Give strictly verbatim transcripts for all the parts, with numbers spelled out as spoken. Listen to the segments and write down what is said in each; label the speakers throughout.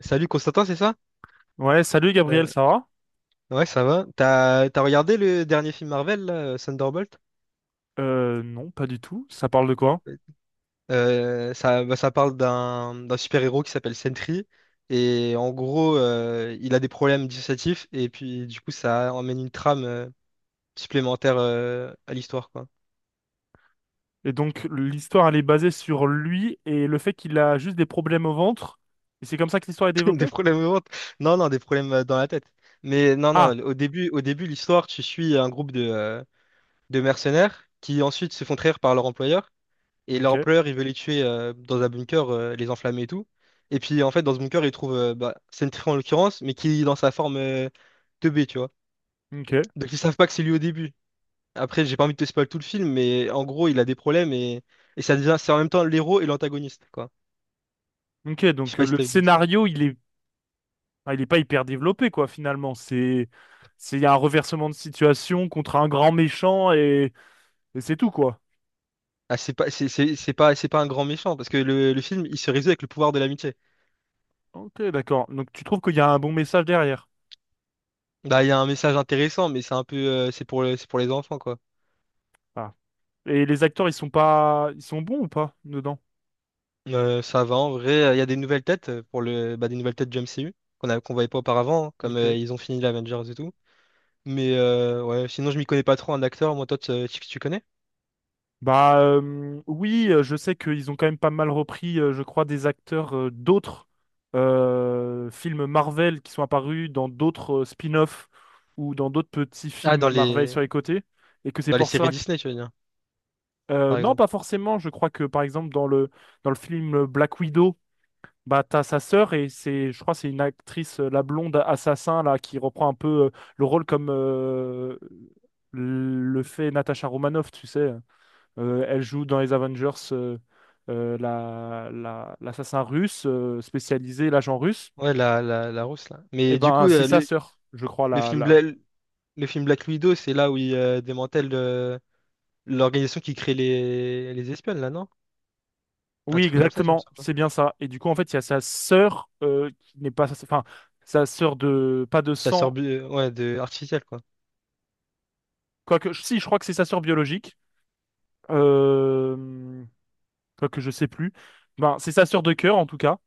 Speaker 1: Salut Constantin, c'est ça?
Speaker 2: Ouais, salut Gabriel,
Speaker 1: Euh,
Speaker 2: ça va?
Speaker 1: ouais, ça va. T'as t'as regardé le dernier film Marvel, là, euh, Thunderbolt?
Speaker 2: Euh, non, pas du tout. Ça parle de
Speaker 1: Non.
Speaker 2: quoi?
Speaker 1: Euh, ça, bah, ça parle d'un d'un super-héros qui s'appelle Sentry. Et en gros, euh, il a des problèmes dissociatifs. Et puis, du coup, ça emmène une trame euh, supplémentaire euh, à l'histoire, quoi.
Speaker 2: Et donc, l'histoire, elle est basée sur lui et le fait qu'il a juste des problèmes au ventre. Et c'est comme ça que l'histoire est
Speaker 1: Des
Speaker 2: développée?
Speaker 1: problèmes au ventre. Non, non, des problèmes euh, dans la tête. Mais non,
Speaker 2: Ah,
Speaker 1: non, au début, au début, l'histoire, tu suis un groupe de, euh, de mercenaires qui ensuite se font trahir par leur employeur. Et
Speaker 2: ok,
Speaker 1: l'empereur, il veut les tuer euh, dans un bunker, euh, les enflammer et tout. Et puis, en fait, dans ce bunker, il trouve euh, bah, Sentry en l'occurrence, mais qui est dans sa forme euh, deux B, tu vois.
Speaker 2: ok,
Speaker 1: Donc, ils savent pas que c'est lui au début. Après, j'ai pas envie de te spoiler tout le film, mais en gros, il a des problèmes et, et ça devient, c'est en même temps l'héros et l'antagoniste, quoi.
Speaker 2: ok.
Speaker 1: Je sais
Speaker 2: Donc, euh,
Speaker 1: pas si
Speaker 2: le
Speaker 1: t'as vu l'extrait.
Speaker 2: scénario, il est, ah, il est pas hyper développé, quoi, finalement. C'est, c'est, il y a un reversement de situation contre un grand méchant et, et c'est tout, quoi.
Speaker 1: Ah, c'est pas, c'est c'est- c'est pas, c'est pas un grand méchant, parce que le, le film, il se résout avec le pouvoir de l'amitié.
Speaker 2: Ok, d'accord. Donc, tu trouves qu'il y a un bon message derrière?
Speaker 1: Bah, il y a un message intéressant, mais c'est un peu, euh, c'est pour, le- c'est pour les enfants, quoi.
Speaker 2: Ah. Et les acteurs, ils sont pas, ils sont bons ou pas dedans?
Speaker 1: Euh, ça va en vrai. Il y a des nouvelles têtes euh, pour le, bah, des nouvelles têtes du M C U qu'on a, qu'on voyait pas auparavant, hein, comme euh,
Speaker 2: Ok.
Speaker 1: ils ont fini l'Avengers et tout. Mais euh, ouais, sinon je m'y connais pas trop en acteur. Moi, toi, tu, tu tu connais?
Speaker 2: Bah euh, oui, euh, je sais qu'ils ont quand même pas mal repris, euh, je crois, des acteurs euh, d'autres euh, films Marvel qui sont apparus dans d'autres euh, spin-offs ou dans d'autres petits
Speaker 1: Ah, dans
Speaker 2: films Marvel
Speaker 1: les
Speaker 2: sur les côtés. Et que c'est
Speaker 1: dans les
Speaker 2: pour
Speaker 1: séries
Speaker 2: ça que...
Speaker 1: Disney, tu veux dire,
Speaker 2: euh,
Speaker 1: par
Speaker 2: Non,
Speaker 1: exemple.
Speaker 2: pas forcément. Je crois que, par exemple, dans le, dans le film Black Widow, bah, t'as sa sœur et c'est, je crois, c'est une actrice, euh, la blonde assassin, là, qui reprend un peu euh, le rôle comme euh, le fait Natasha Romanoff, tu sais. Euh, elle joue dans les Avengers euh, euh, la, la- l'assassin russe euh, spécialisé, l'agent russe.
Speaker 1: Ouais, la, la, la rousse là.
Speaker 2: Et
Speaker 1: Mais du coup,
Speaker 2: ben, c'est
Speaker 1: euh,
Speaker 2: sa
Speaker 1: le,
Speaker 2: sœur, je crois,
Speaker 1: le
Speaker 2: la,
Speaker 1: film
Speaker 2: la...
Speaker 1: Bla- le film Black Widow, c'est là où il euh, démantèle euh, l'organisation qui crée les les espionnes là, non? Un
Speaker 2: Oui,
Speaker 1: truc comme ça, si je me
Speaker 2: exactement,
Speaker 1: sens.
Speaker 2: c'est bien ça. Et du coup, en fait, il y a sa sœur euh, qui n'est pas... Enfin, sa sœur de... Pas de
Speaker 1: Ça sort
Speaker 2: sang,
Speaker 1: bu- ouais, de artificielle quoi.
Speaker 2: quoique... Si, je crois que c'est sa sœur biologique. Euh... Quoique, je sais plus. Ben, c'est sa sœur de cœur, en tout cas.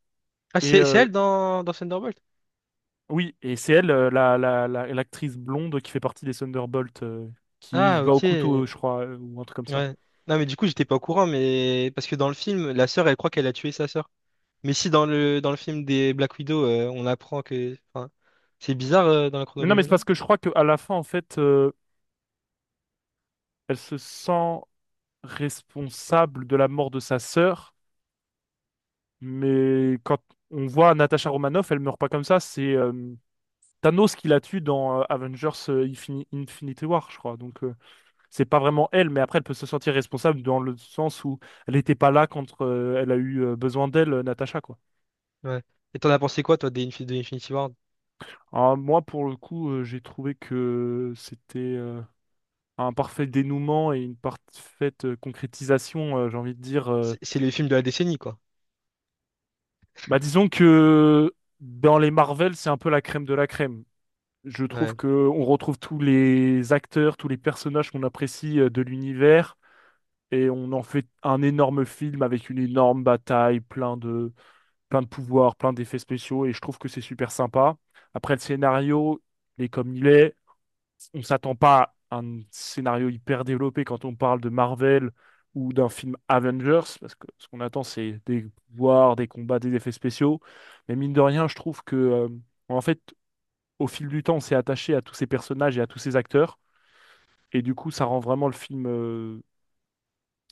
Speaker 1: Ah,
Speaker 2: Et
Speaker 1: c'est c'est
Speaker 2: euh,
Speaker 1: elle dans, dans Thunderbolt?
Speaker 2: oui, et c'est elle, euh, la, la, la- l'actrice blonde qui fait partie des Thunderbolts, euh, qui
Speaker 1: Ah,
Speaker 2: va au
Speaker 1: ok. Ouais.
Speaker 2: couteau, je crois, euh, ou un truc comme ça.
Speaker 1: Non, mais du coup, j'étais pas au courant, mais parce que dans le film, la sœur, elle croit qu'elle a tué sa sœur. Mais si dans le, dans le film des Black Widow, euh, on apprend que. Enfin, c'est bizarre euh, dans la
Speaker 2: Mais non, mais
Speaker 1: chronologie,
Speaker 2: c'est parce
Speaker 1: non?
Speaker 2: que je crois qu'à la fin, en fait, euh, elle se sent responsable de la mort de sa sœur. Mais quand on voit Natasha Romanoff, elle meurt pas comme ça. C'est euh, Thanos qui la tue dans euh, Avengers euh, Infini- Infinity War, je crois. Donc, euh, c'est pas vraiment elle, mais après, elle peut se sentir responsable dans le sens où elle n'était pas là quand euh, elle a eu euh, besoin d'elle, euh, Natasha, quoi.
Speaker 1: Ouais. Et t'en as pensé quoi, toi, des Infi- de Infinity War?
Speaker 2: Alors, moi, pour le coup, euh, j'ai trouvé que c'était euh, un parfait dénouement et une parfaite euh, concrétisation, euh, j'ai envie de dire. euh,
Speaker 1: C'est c'est le film de la décennie, quoi.
Speaker 2: Bah, disons que dans les Marvel, c'est un peu la crème de la crème. Je trouve
Speaker 1: Ouais.
Speaker 2: que on retrouve tous les acteurs, tous les personnages qu'on apprécie euh, de l'univers et on en fait un énorme film avec une énorme bataille, plein de, plein de pouvoirs, plein d'effets spéciaux et je trouve que c'est super sympa. Après, le scénario, il est comme il est. On s'attend pas à un scénario hyper développé quand on parle de Marvel ou d'un film Avengers, parce que ce qu'on attend, c'est des pouvoirs, des combats, des effets spéciaux. Mais mine de rien, je trouve que, euh, en fait, au fil du temps, on s'est attaché à tous ces personnages et à tous ces acteurs. Et du coup, ça rend vraiment le film, euh,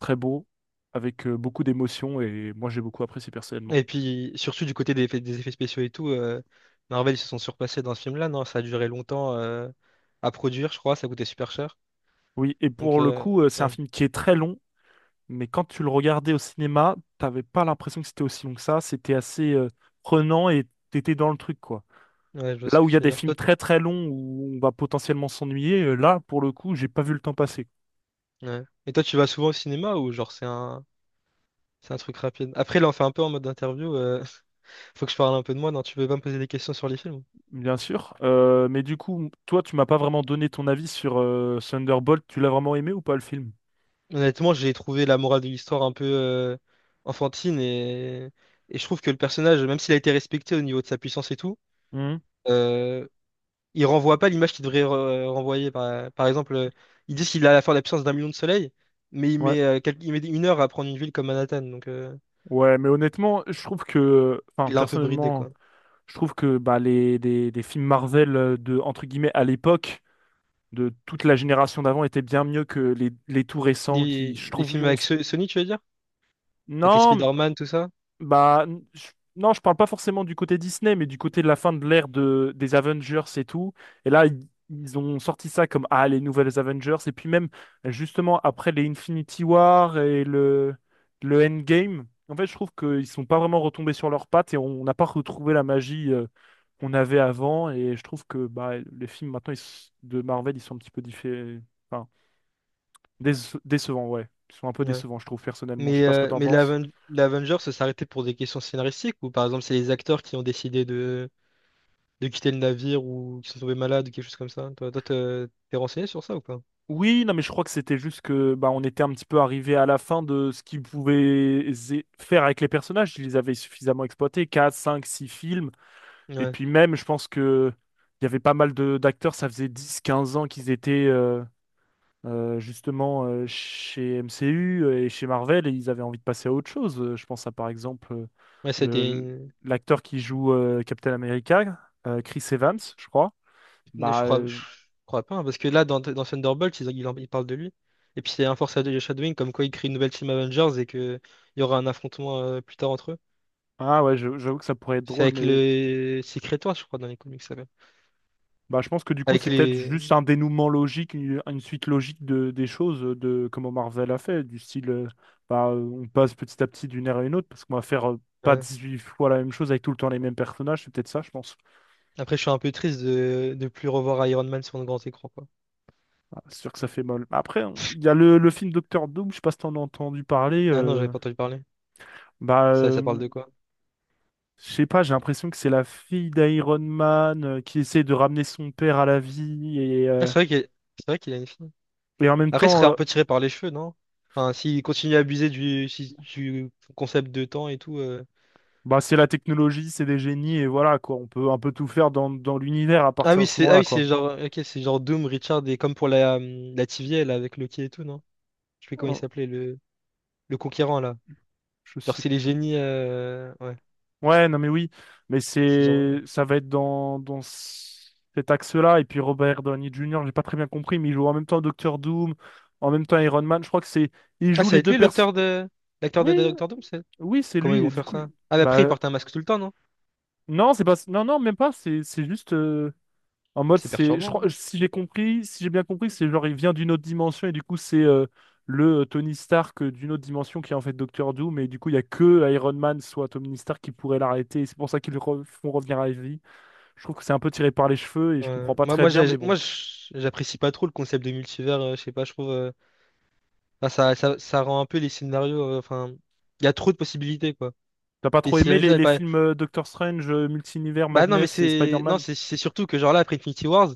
Speaker 2: très beau, avec, euh, beaucoup d'émotions. Et moi, j'ai beaucoup apprécié personnellement.
Speaker 1: Et puis, surtout du côté des effets, des effets spéciaux et tout, euh, Marvel, ils se sont surpassés dans ce film-là, non? Ça a duré longtemps euh, à produire, je crois, ça coûtait super cher.
Speaker 2: Oui, et
Speaker 1: Donc,
Speaker 2: pour le
Speaker 1: euh,
Speaker 2: coup, euh, c'est un
Speaker 1: ouais.
Speaker 2: film qui est très long. Mais quand tu le regardais au cinéma, t'avais pas l'impression que c'était aussi long que ça. C'était assez euh, prenant et t'étais dans le truc, quoi.
Speaker 1: Ouais, je vois ce
Speaker 2: Là où
Speaker 1: que
Speaker 2: il y a
Speaker 1: tu veux
Speaker 2: des
Speaker 1: dire.
Speaker 2: films
Speaker 1: Toi-
Speaker 2: très très longs où on va potentiellement s'ennuyer, euh, là, pour le coup, j'ai pas vu le temps passer.
Speaker 1: ouais. Et toi, tu vas souvent au cinéma ou genre c'est un c'est un truc rapide? Après, là, on fait un peu en mode interview. euh, Faut que je parle un peu de moi. Non, tu peux pas me poser des questions sur les films.
Speaker 2: Bien sûr. Euh, mais du coup, toi, tu m'as pas vraiment donné ton avis sur euh, Thunderbolt. Tu l'as vraiment aimé ou pas le film?
Speaker 1: Honnêtement, j'ai trouvé la morale de l'histoire un peu euh, enfantine et... et je trouve que le personnage, même s'il a été respecté au niveau de sa puissance et tout,
Speaker 2: Mhm.
Speaker 1: euh, il renvoie pas l'image qu'il devrait re- renvoyer. Par, par exemple, euh, ils disent qu'il a la force de la puissance d'un million de soleils, mais il
Speaker 2: Ouais.
Speaker 1: met, euh, quel- il met une heure à prendre une ville comme Manhattan, donc euh,
Speaker 2: Ouais, mais honnêtement, je trouve que, enfin,
Speaker 1: il l'a un peu bridé
Speaker 2: personnellement,
Speaker 1: quoi.
Speaker 2: je trouve que bah, les, des, des films Marvel euh, de, entre guillemets, à l'époque, de toute la génération d'avant était bien mieux que les, les tout récents qui,
Speaker 1: Les,
Speaker 2: je
Speaker 1: les
Speaker 2: trouve,
Speaker 1: films
Speaker 2: on
Speaker 1: avec
Speaker 2: se-
Speaker 1: So- Sony, tu veux dire? Avec les
Speaker 2: Non,
Speaker 1: Spider-Man, tout ça?
Speaker 2: bah, je, non, je parle pas forcément du côté Disney, mais du côté de la fin de l'ère de, des Avengers et tout. Et là, ils, ils ont sorti ça comme, ah, les nouvelles Avengers. Et puis même, justement, après les Infinity War et le, le Endgame, en fait, je trouve qu'ils sont pas vraiment retombés sur leurs pattes et on n'a pas retrouvé la magie. euh, qu'on avait avant et je trouve que bah, les films maintenant ils s- de Marvel ils sont un petit peu différents. Déce- décevant, ouais. Ils sont un peu
Speaker 1: Ouais.
Speaker 2: décevants, je trouve, personnellement. Je sais
Speaker 1: Mais,
Speaker 2: pas ce que
Speaker 1: euh,
Speaker 2: t'en
Speaker 1: mais
Speaker 2: penses.
Speaker 1: l'Aven- l'Avengers ça s'arrêtait pour des questions scénaristiques ou par exemple c'est les acteurs qui ont décidé de, de quitter le navire ou qui sont tombés malades ou quelque chose comme ça? Toi, toi, t'es t'es renseigné sur ça ou pas?
Speaker 2: Oui, non, mais je crois que c'était juste que bah, on était un petit peu arrivé à la fin de ce qu'ils pouvaient zé- faire avec les personnages. Ils les avaient suffisamment exploités, quatre, cinq, six films. Et
Speaker 1: Ouais.
Speaker 2: puis même, je pense que il y avait pas mal de d'acteurs. Ça faisait dix quinze ans qu'ils étaient euh, euh, justement euh, chez M C U et chez Marvel. Et ils avaient envie de passer à autre chose. Euh, Je pense à par exemple euh,
Speaker 1: Ouais, c'était
Speaker 2: le-
Speaker 1: une...
Speaker 2: l'acteur qui joue euh, Captain America, euh, Chris Evans, je crois.
Speaker 1: une- Je
Speaker 2: Bah,
Speaker 1: crois... je
Speaker 2: euh,
Speaker 1: crois pas, hein, parce que là, dans, dans Thunderbolt, ils, ils, en- ils parlent de lui. Et puis c'est un force de Shadowing, comme quoi il crée une nouvelle team Avengers et que il y aura un affrontement euh, plus tard entre eux.
Speaker 2: ah ouais, je- j'avoue que ça pourrait être
Speaker 1: C'est
Speaker 2: drôle,
Speaker 1: avec
Speaker 2: mais
Speaker 1: le Secret Wars, je crois, dans les comics, ça s'appelle.
Speaker 2: bah, je pense que du coup,
Speaker 1: Avec
Speaker 2: c'est peut-être
Speaker 1: les...
Speaker 2: juste un dénouement logique, une, une suite logique de, des choses, euh, de comment Marvel a fait, du style, euh, bah, euh, on passe petit à petit d'une ère à une autre, parce qu'on va faire euh, pas
Speaker 1: ouais.
Speaker 2: huit fois la même chose avec tout le temps les mêmes personnages, c'est peut-être ça, je pense.
Speaker 1: Après, je suis un peu triste de de plus revoir Iron Man sur le grand écran, quoi.
Speaker 2: Ah, c'est sûr que ça fait mal. Après, on- il y a le, le film Docteur Doom, je sais pas si t'en as entendu parler,
Speaker 1: Ah non, j'avais
Speaker 2: euh,
Speaker 1: pas entendu parler.
Speaker 2: bah,
Speaker 1: Ça, ça parle
Speaker 2: euh,
Speaker 1: de quoi?
Speaker 2: je sais pas, j'ai l'impression que c'est la fille d'Iron Man euh, qui essaie de ramener son père à la vie et.
Speaker 1: Ah,
Speaker 2: Euh,
Speaker 1: c'est vrai qu'il c'est vrai qu'il a une fille.
Speaker 2: et en même
Speaker 1: Après, il serait un
Speaker 2: temps,
Speaker 1: peu tiré par les cheveux, non? Enfin, s'il continue à abuser du, si- du concept de temps et tout. euh.
Speaker 2: bah, c'est la technologie, c'est des génies, et voilà, quoi. On peut un peu tout faire dans, dans l'univers à
Speaker 1: Ah
Speaker 2: partir
Speaker 1: oui,
Speaker 2: de ce
Speaker 1: c'est ah
Speaker 2: moment-là,
Speaker 1: oui,
Speaker 2: quoi.
Speaker 1: c'est genre ok, c'est genre Doom, Richard et comme pour la euh, la T V A là avec Loki et tout, non? Je sais plus comment il
Speaker 2: Oh,
Speaker 1: s'appelait le le conquérant là.
Speaker 2: je
Speaker 1: Genre
Speaker 2: sais.
Speaker 1: c'est les génies euh, ouais,
Speaker 2: Ouais, non, mais oui. Mais
Speaker 1: c'est genre
Speaker 2: c'est,
Speaker 1: euh.
Speaker 2: ça va être dans, dans c- cet axe-là. Et puis Robert Downey Junior, j'ai pas très bien compris, mais il joue en même temps Doctor Doom, en même temps Iron Man. Je crois que c'est, il
Speaker 1: Ah,
Speaker 2: joue
Speaker 1: ça
Speaker 2: les
Speaker 1: va être
Speaker 2: deux
Speaker 1: lui
Speaker 2: personnes.
Speaker 1: l'acteur de l'acteur de
Speaker 2: Oui,
Speaker 1: Doctor Doom, c'est?
Speaker 2: oui, c'est
Speaker 1: Comment ils
Speaker 2: lui. Et
Speaker 1: vont
Speaker 2: du
Speaker 1: faire
Speaker 2: coup, je-
Speaker 1: ça? Ah, mais après il
Speaker 2: Bah,
Speaker 1: porte un masque tout le temps, non?
Speaker 2: non, c'est pas, non, non, même pas. C'est, c'est juste. euh, En mode,
Speaker 1: C'est
Speaker 2: c'est, je crois,
Speaker 1: perturbant,
Speaker 2: si j'ai compris, si j'ai bien compris, c'est genre il vient d'une autre dimension et du coup c'est euh, le euh, Tony Stark euh, d'une autre dimension qui est en fait Doctor Doom mais du coup il y a que Iron Man soit Tony Stark qui pourrait l'arrêter et c'est pour ça qu'ils le re- font revenir à la vie. Je trouve que c'est un peu tiré par les cheveux et je
Speaker 1: ouais.
Speaker 2: comprends pas
Speaker 1: Moi,
Speaker 2: très
Speaker 1: moi,
Speaker 2: bien
Speaker 1: j'ai-
Speaker 2: mais bon.
Speaker 1: moi, j'- j'apprécie pas trop le concept de multivers. Euh, je sais pas, je trouve. Euh, enfin, ça, ça, ça rend un peu les scénarios. euh, Enfin, il y a trop de possibilités, quoi.
Speaker 2: T'as pas
Speaker 1: T'es
Speaker 2: trop
Speaker 1: si
Speaker 2: aimé
Speaker 1: jamais
Speaker 2: les,
Speaker 1: final,
Speaker 2: les
Speaker 1: pas...
Speaker 2: films euh, Doctor Strange, euh, Multi-univers,
Speaker 1: Bah non, mais
Speaker 2: Madness et
Speaker 1: c'est. Non,
Speaker 2: Spider-Man?
Speaker 1: c'est c'est surtout que, genre là, après Infinity Wars,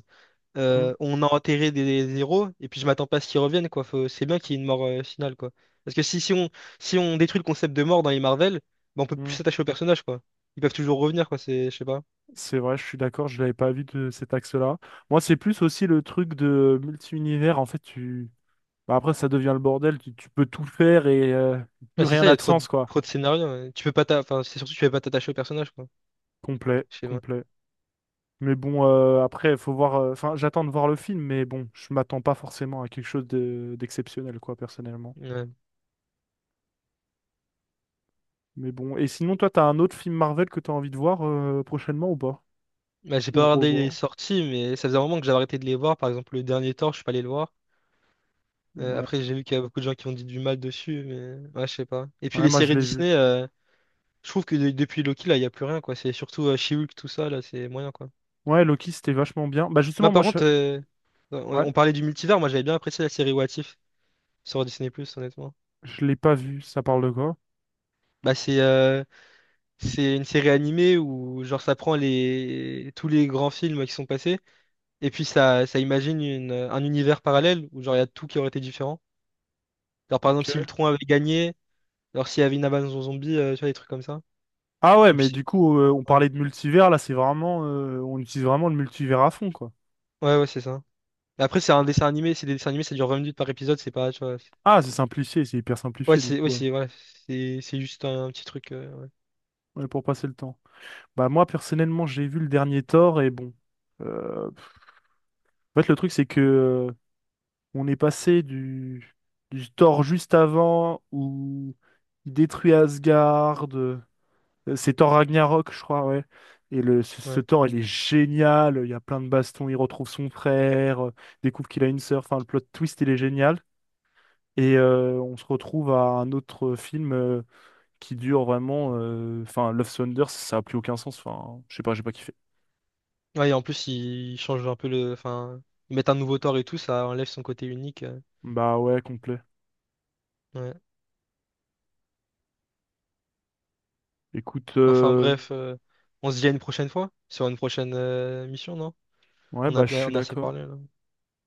Speaker 2: Hmm,
Speaker 1: euh, on a enterré des, des héros, et puis je m'attends pas à ce qu'ils reviennent, quoi. Faut... C'est bien qu'il y ait une mort euh, finale, quoi. Parce que si, si on, si on détruit le concept de mort dans les Marvel, bah, on peut plus
Speaker 2: hmm.
Speaker 1: s'attacher aux personnages, quoi. Ils peuvent toujours revenir, quoi. C'est, je sais pas.
Speaker 2: C'est vrai, je suis d'accord, je l'avais pas vu de cet axe-là. Moi, c'est plus aussi le truc de multi-univers. En fait, tu, Bah après, ça devient le bordel, tu, tu peux tout faire et euh, plus
Speaker 1: Ouais, c'est
Speaker 2: rien
Speaker 1: ça, il y
Speaker 2: n'a
Speaker 1: a
Speaker 2: de
Speaker 1: trop de,
Speaker 2: sens, quoi.
Speaker 1: trop de scénarios. Ouais. Tu peux pas t'a- Enfin, c'est surtout que tu peux pas t'attacher aux personnages, quoi.
Speaker 2: Complet,
Speaker 1: Je sais pas.
Speaker 2: complet. Mais bon, euh, après, faut voir. euh, Enfin, j'attends de voir le film, mais bon, je m'attends pas forcément à quelque chose de- d'exceptionnel, quoi, personnellement.
Speaker 1: Ouais.
Speaker 2: Mais bon, et sinon, toi, t'as un autre film Marvel que t'as envie de voir euh, prochainement ou pas?
Speaker 1: Bah, j'ai
Speaker 2: Ou
Speaker 1: pas regardé les
Speaker 2: revoir?
Speaker 1: sorties, mais ça faisait un moment que j'avais arrêté de les voir. Par exemple, le dernier Thor, je suis pas allé le voir. Euh,
Speaker 2: Ouais.
Speaker 1: après, j'ai vu qu'il y a beaucoup de gens qui ont dit du mal dessus, mais ouais, je sais pas. Et puis
Speaker 2: Ouais,
Speaker 1: les
Speaker 2: moi, je
Speaker 1: séries
Speaker 2: l'ai vu.
Speaker 1: Disney, euh, je trouve que de- depuis Loki, là, il y a plus rien, quoi. C'est surtout euh, She-Hulk, tout ça, là, c'est moyen, quoi.
Speaker 2: Ouais, Loki, c'était vachement bien. Bah justement,
Speaker 1: Moi, par
Speaker 2: moi, je...
Speaker 1: contre, euh, ouais,
Speaker 2: Ouais,
Speaker 1: on parlait du multivers, moi, j'avais bien apprécié la série What If sur Disney+, honnêtement.
Speaker 2: je l'ai pas vu. Ça parle de quoi?
Speaker 1: Bah, c'est euh, c'est une série animée où, genre, ça prend les tous les grands films qui sont passés, et puis ça, ça imagine une, un univers parallèle où, genre, il y a tout qui aurait été différent. Genre, par exemple, si
Speaker 2: Ok.
Speaker 1: Ultron avait gagné, genre, s'il y avait une avance en zombie, euh, tu vois, des trucs comme ça.
Speaker 2: Ah ouais,
Speaker 1: Et puis,
Speaker 2: mais
Speaker 1: si-
Speaker 2: du coup, euh, on
Speaker 1: ouais,
Speaker 2: parlait de multivers, là, c'est vraiment... euh, on utilise vraiment le multivers à fond, quoi.
Speaker 1: ouais, ouais, c'est ça. Mais après, c'est un dessin animé, c'est des dessins animés, ça dure vingt minutes par épisode, c'est pas, tu vois. c'est-
Speaker 2: Ah, c'est simplifié, c'est hyper
Speaker 1: Ouais,
Speaker 2: simplifié du
Speaker 1: c'est, ouais,
Speaker 2: coup, ouais.
Speaker 1: c'est, voilà, c'est, c'est juste un, petit truc. euh,
Speaker 2: Ouais, pour passer le temps. Bah moi personnellement, j'ai vu le dernier Thor et bon, euh, en fait le truc c'est que euh, on est passé du du Thor juste avant où il détruit Asgard, euh, c'est Thor Ragnarok, je crois, ouais. Et le ce,
Speaker 1: ouais.
Speaker 2: ce
Speaker 1: Ouais.
Speaker 2: Thor, il est génial, il y a plein de bastons, il retrouve son frère, euh, découvre qu'il a une sœur, enfin le plot twist, il est génial. Et euh, on se retrouve à un autre film euh, qui dure vraiment. euh, Enfin, Love Thunder, ça a plus aucun sens. Enfin, je sais pas, j'ai pas kiffé.
Speaker 1: Ouais, et en plus, ils changent un peu le. Enfin, ils mettent un nouveau tort et tout, ça enlève son côté unique. euh,
Speaker 2: Bah ouais, complet.
Speaker 1: ouais.
Speaker 2: Écoute,
Speaker 1: Enfin,
Speaker 2: euh,
Speaker 1: bref, euh, on se dit à une prochaine fois, sur une prochaine euh, mission, non?
Speaker 2: ouais,
Speaker 1: On a
Speaker 2: bah je
Speaker 1: bien,
Speaker 2: suis
Speaker 1: on a assez
Speaker 2: d'accord.
Speaker 1: parlé, là.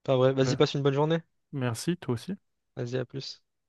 Speaker 1: Enfin, bref, vas-y,
Speaker 2: Ouais.
Speaker 1: passe une bonne journée.
Speaker 2: Merci, toi aussi.
Speaker 1: Vas-y, à plus.